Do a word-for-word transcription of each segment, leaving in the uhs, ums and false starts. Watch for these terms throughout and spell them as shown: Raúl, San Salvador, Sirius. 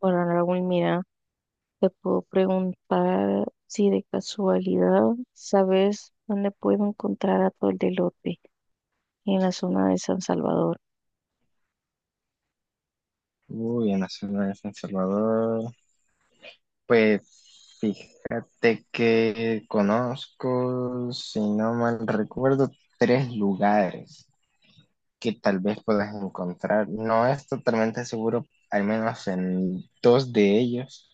Bueno, Raúl, mira, te puedo preguntar si de casualidad sabes dónde puedo encontrar atol de elote en la zona de San Salvador. Uy, en la ciudad de San Salvador. Pues fíjate que conozco, si no mal recuerdo, tres lugares que tal vez puedas encontrar. No es totalmente seguro, al menos en dos de ellos,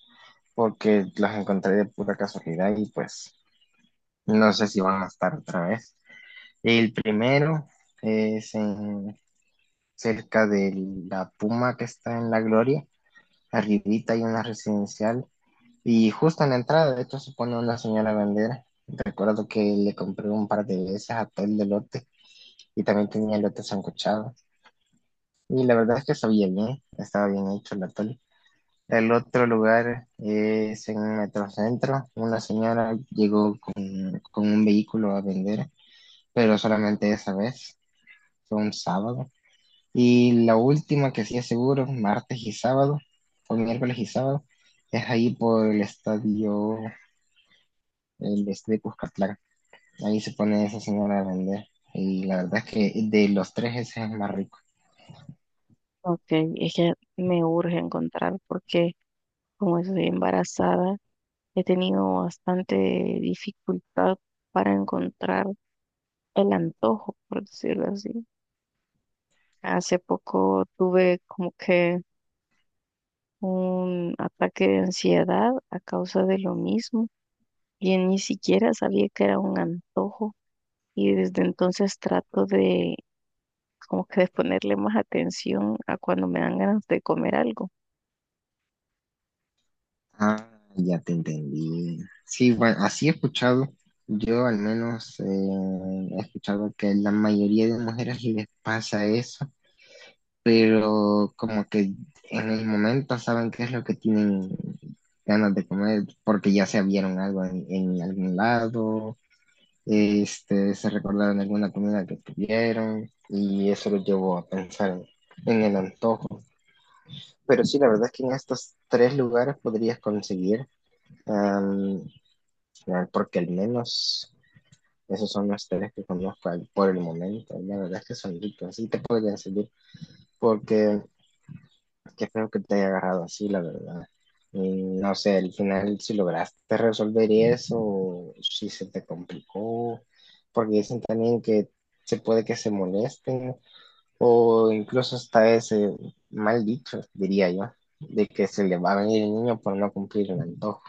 porque los encontré de pura casualidad y pues no sé si van a estar otra vez. El primero es en- cerca de la Puma que está en La Gloria. Arribita hay una residencial. Y justo en la entrada, de hecho, se pone una señora a vender. Recuerdo que le compré un par de veces a todo el delote y también tenía elote sancochado. Y la verdad es que sabía bien, estaba bien hecho el atole. El otro lugar es en Metrocentro. Una señora llegó con, con un vehículo a vender, pero solamente esa vez, fue un sábado. Y la última que sí es seguro, martes y sábado, o miércoles y sábado, es ahí por el estadio el este de Cuscatlán. Ahí se pone esa señora a vender. Y la verdad es que de los tres ese es el más rico. Ok, es que me urge encontrar porque como estoy embarazada, he tenido bastante dificultad para encontrar el antojo, por decirlo así. Hace poco tuve como que un ataque de ansiedad a causa de lo mismo y ni siquiera sabía que era un antojo y desde entonces trato de como que de ponerle más atención a cuando me dan ganas de comer algo. Ah, ya te entendí. Sí, bueno, así he escuchado. Yo al menos eh, he escuchado que la mayoría de mujeres les pasa eso, pero como que en el momento saben qué es lo que tienen ganas de comer porque ya se vieron algo en, en algún lado, este, se recordaron alguna comida que tuvieron y eso los llevó a pensar en, en el antojo. Pero sí, la verdad es que en estos tres lugares podrías conseguir, um, porque al menos esos son los tres que conozco al- por el momento. La verdad es que son ricos, sí te podrían servir, porque qué feo que te haya agarrado así, la verdad. Y no sé, al final si lograste resolver eso, si se te complicó, porque dicen también que se puede que se molesten. O incluso hasta ese mal dicho, diría yo, de que se le va a venir el niño por no cumplir el antojo.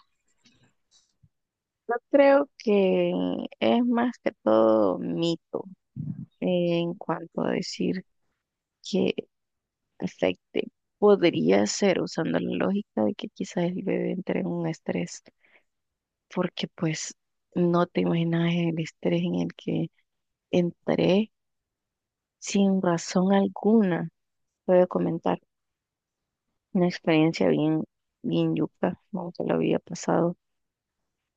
Yo creo que es más que todo mito en cuanto a decir que afecte. Podría ser usando la lógica de que quizás el bebé entre en un estrés, porque pues no te imaginas el estrés en el que entré sin razón alguna, puedo comentar. Una experiencia bien, bien yuca, nunca lo había pasado.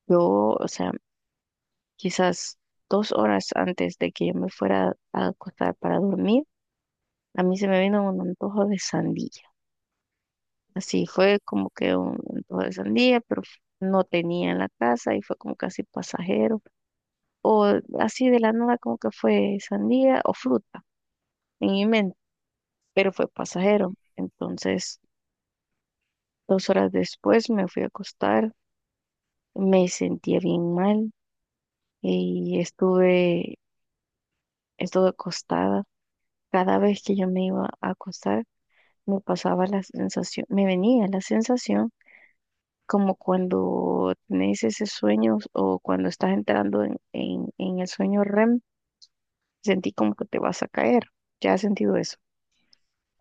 Yo, o sea, quizás dos horas antes de que yo me fuera a acostar para dormir, a mí se me vino un antojo de sandía. Así fue como que un antojo de sandía, pero f- no tenía en la casa y fue como casi pasajero. O así de la nada como que fue sandía o fruta en mi mente, pero fue pasajero. Entonces, dos horas después me fui a acostar, me sentía bien mal y estuve, estuve acostada. Cada vez que yo me iba a acostar, me pasaba la sensación, me venía la sensación como cuando tenés ese sueño o cuando estás entrando en, en, en el sueño R E M, sentí como que te vas a caer. ¿Ya has sentido eso?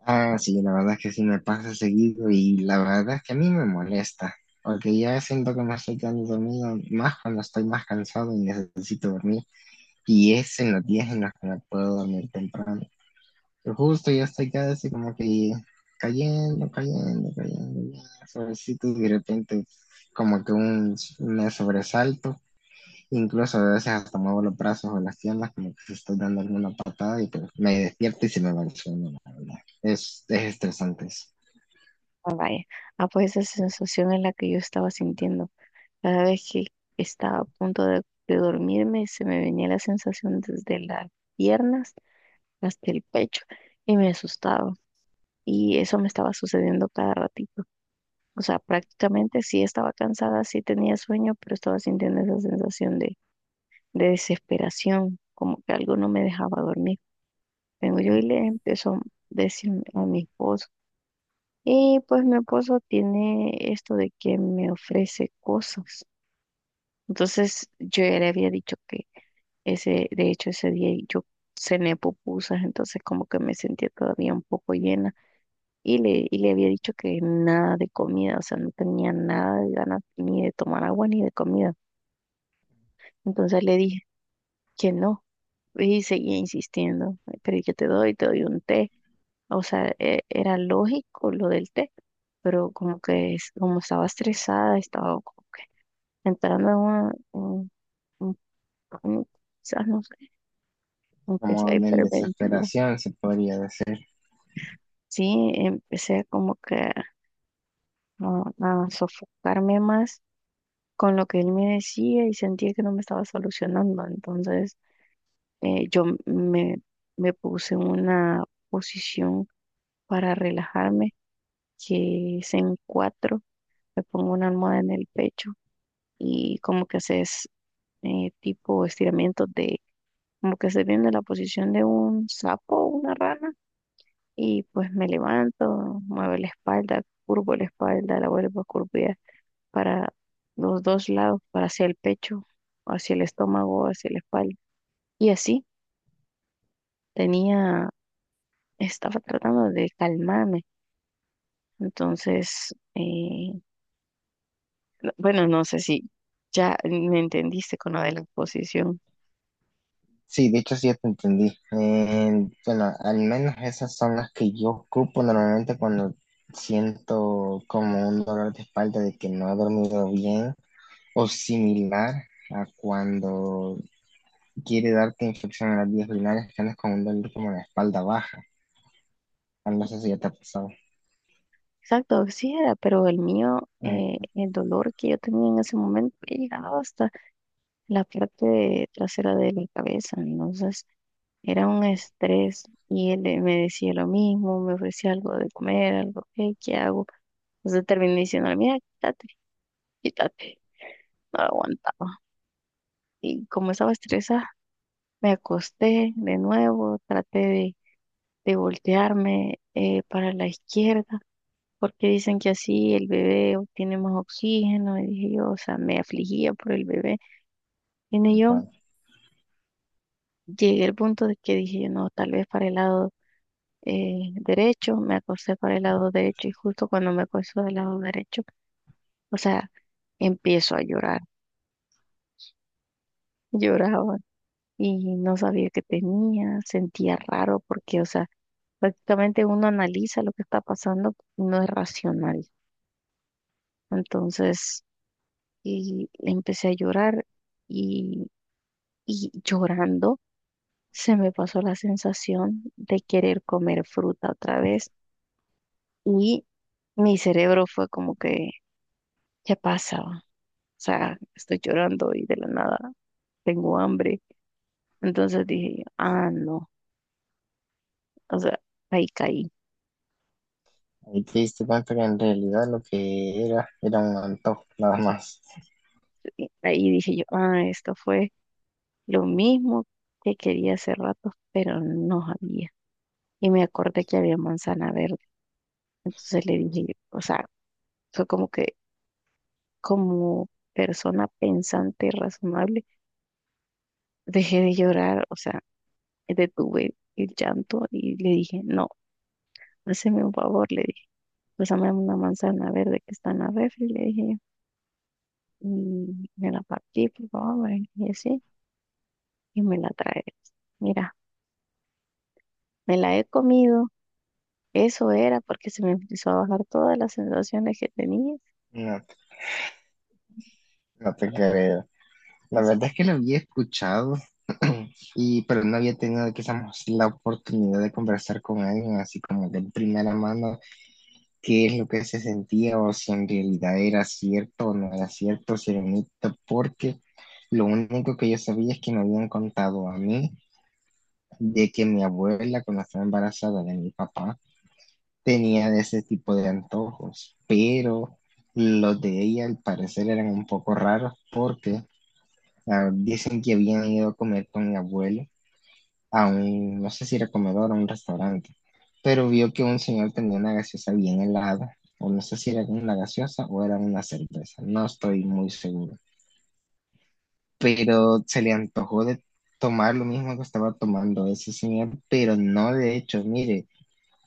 Ah, sí, la verdad que sí me pasa seguido y la verdad es que a mí me molesta, porque ya siento que me estoy quedando dormido más cuando estoy más cansado y necesito dormir. Y es en los días en los que me puedo dormir temprano. Pero justo ya estoy casi como que cayendo, cayendo, cayendo, ya, suavecito y de repente como que un, un sobresalto. Incluso a veces hasta muevo los brazos o las piernas como que estoy dando alguna patada y pues me despierto y se me va el sueño, la verdad. Es, es estresante eso. Ah, vaya. Ah, pues esa sensación es la que yo estaba sintiendo. Cada vez que estaba a punto de, de dormirme, se me venía la sensación desde las piernas hasta el pecho y me asustaba. Y eso me estaba sucediendo cada ratito. O sea, prácticamente sí estaba cansada, sí tenía sueño, pero estaba sintiendo esa sensación de, de desesperación, como que algo no me dejaba dormir. Vengo yo y le empezó a decir a mi esposo. Y pues mi esposo tiene esto de que me ofrece cosas. Entonces yo ya le había dicho que ese, de hecho ese día yo cené pupusas, entonces como que me sentía todavía un poco llena. Y le, y le había dicho que nada de comida, o sea, no tenía nada de ganas ni de tomar agua ni de comida. Entonces le dije que no y seguía insistiendo, pero yo te doy, te doy un té. O sea, e- era lógico lo del té, pero como que es- como estaba estresada, estaba como que entrando en una, en un pánico, quizás no sé, empecé Como a en hiperventilar. desesperación se podría decir. Sí, empecé como que a a sofocarme más con lo que él me decía y sentía que no me estaba solucionando. Entonces, eh, yo me, me puse en una posición para relajarme, que es en cuatro, me pongo una almohada en el pecho y como que haces eh, tipo estiramientos de, como que estoy viendo la posición de un sapo o una rana y pues me levanto, muevo la espalda, curvo la espalda, la vuelvo a curvar para los dos lados, para hacia el pecho, hacia el estómago, hacia la espalda. Y así tenía, estaba tratando de calmarme. Entonces, eh, no- bueno, no sé si ya me entendiste con lo de la exposición. Sí, de hecho sí te entendí. Eh, bueno, al menos esas son las que yo ocupo normalmente cuando siento como un dolor de espalda de que no he dormido bien o similar a cuando quiere darte infección en las vías urinarias que andas con un dolor como la espalda baja. No no sé si ya te ha pasado. Exacto, sí era, pero el mío, Ay, eh, el dolor que yo tenía en ese momento llegaba hasta la parte trasera de la cabeza. Entonces, era un estrés y él eh, me decía lo mismo, me ofrecía algo de comer, algo, "Hey, ¿qué hago?" Entonces terminé diciéndole, mira, quítate, quítate. No aguantaba. Y como estaba estresada, me acosté de nuevo, traté de, de voltearme eh, para la izquierda, porque dicen que así el bebé obtiene más oxígeno. Y dije yo, o sea, me afligía por el bebé. Y tal yo cual. llegué al punto de que dije, no, tal vez para el lado eh, derecho, me acosté para el lado derecho y justo cuando me acosté del lado derecho, o sea, empiezo a llorar. Lloraba y no sabía que tenía, sentía raro porque, o sea, prácticamente uno analiza lo que está pasando, no es racional. Entonces, y empecé a llorar y, y llorando se me pasó la sensación de querer comer fruta otra vez y mi cerebro fue como que, ¿qué pasa? O sea, estoy llorando y de la nada tengo hambre. Entonces dije, ah, no, o sea, ahí caí. Ahí te diste cuenta que en realidad lo que era era un antojo, nada más. Ahí dije yo, ah, esto fue lo mismo que quería hace rato, pero no había. Y me acordé que había manzana verde. Entonces le dije, yo, o sea, fue como que como persona pensante y razonable, dejé de llorar, o sea, detuve el llanto y le dije, no, hazme un favor, le dije, pásame una manzana verde que está en la refri, le dije, y me la partí, por favor, y así, y me la traes. Mira, me la he comido. Eso era porque se me empezó a bajar todas las sensaciones que tenía. No, no te creo. La verdad Sí. es que lo había escuchado, y, pero no había tenido quizás la oportunidad de conversar con alguien así como de primera mano qué es lo que se sentía o si en realidad era cierto o no era cierto, si era un mito, porque lo único que yo sabía es que me habían contado a mí de que mi abuela cuando estaba embarazada de mi papá, tenían ese tipo de antojos, pero los de ella al parecer eran un poco raros porque ah, dicen que habían ido a comer con mi abuelo a un, no sé si era comedor o un restaurante, pero vio que un señor tenía una gaseosa bien helada, o no sé si era una gaseosa o era una cerveza, no estoy muy seguro, pero se le antojó de tomar lo mismo que estaba tomando ese señor, pero no de hecho, mire,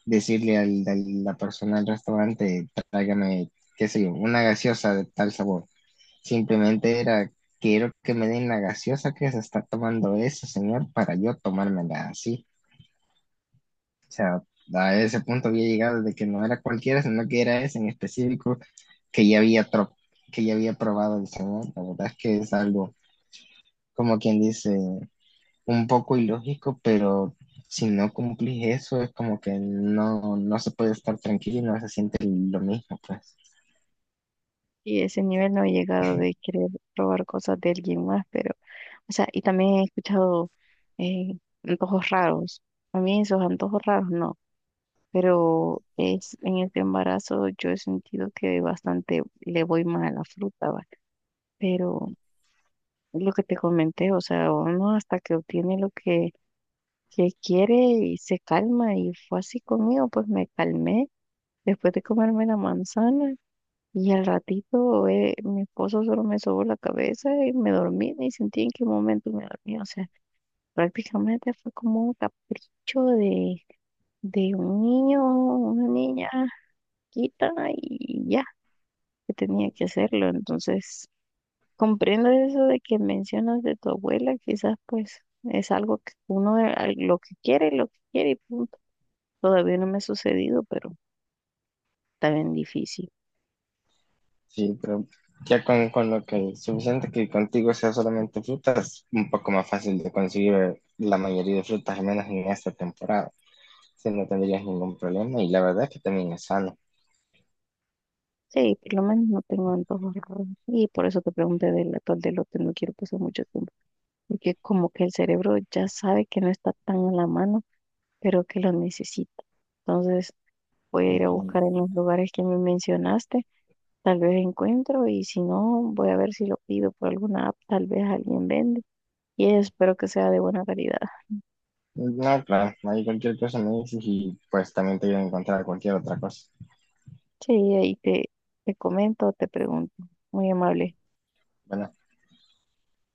decirle al, a la persona del restaurante, tráigame, qué sé yo, una gaseosa de tal sabor. Simplemente era, quiero que me den la gaseosa que se está tomando ese señor para yo tomármela así. O sea, a ese punto había llegado de que no era cualquiera, sino que era ese en específico que ya había, tro- que ya había probado el señor. La verdad es que es algo, como quien dice, un poco ilógico, pero si no cumplís eso, es como que no, no se puede estar tranquilo y no se siente lo mismo, pues. Y ese nivel no he llegado de querer robar cosas de alguien más, pero, o sea, y también he escuchado eh, antojos raros. A mí esos antojos raros no, pero es en este embarazo yo he sentido que bastante le voy mal a la fruta, ¿va? Pero lo que te comenté, o sea, uno hasta que obtiene lo que, que quiere y se calma y fue así conmigo, pues me calmé. Después de comerme la manzana y al ratito eh, mi esposo solo me sobó la cabeza y me dormí, ni sentí en qué momento me dormí. O sea, prácticamente fue como un capricho de, de un niño, una niña quita y ya, que tenía que hacerlo. Entonces, comprendo eso de que mencionas de tu abuela, quizás pues es algo que uno eh, al- lo que quiere, lo que quiere y punto. Todavía no me ha sucedido, pero está bien difícil. Sí, pero ya con, con lo que es suficiente que contigo sea solamente frutas, un poco más fácil de conseguir la mayoría de frutas, al menos en esta temporada. Si no tendrías ningún problema y la verdad es que también es sano. Sí, por lo menos no tengo antojos raros. Y por eso te pregunté del atol de lote, no quiero pasar mucho tiempo. Porque como que el cerebro ya sabe que no está tan a la mano, pero que lo necesita. Entonces voy a ir a Ujú. buscar en los lugares que me mencionaste. Tal vez encuentro y si no, voy a ver si lo pido por alguna app. Tal vez alguien vende. Y espero que sea de buena calidad. No, claro, hay cualquier cosa me dices y pues también te voy a encontrar cualquier otra cosa. Sí, ahí te, te comento, te pregunto. Muy amable. Bueno.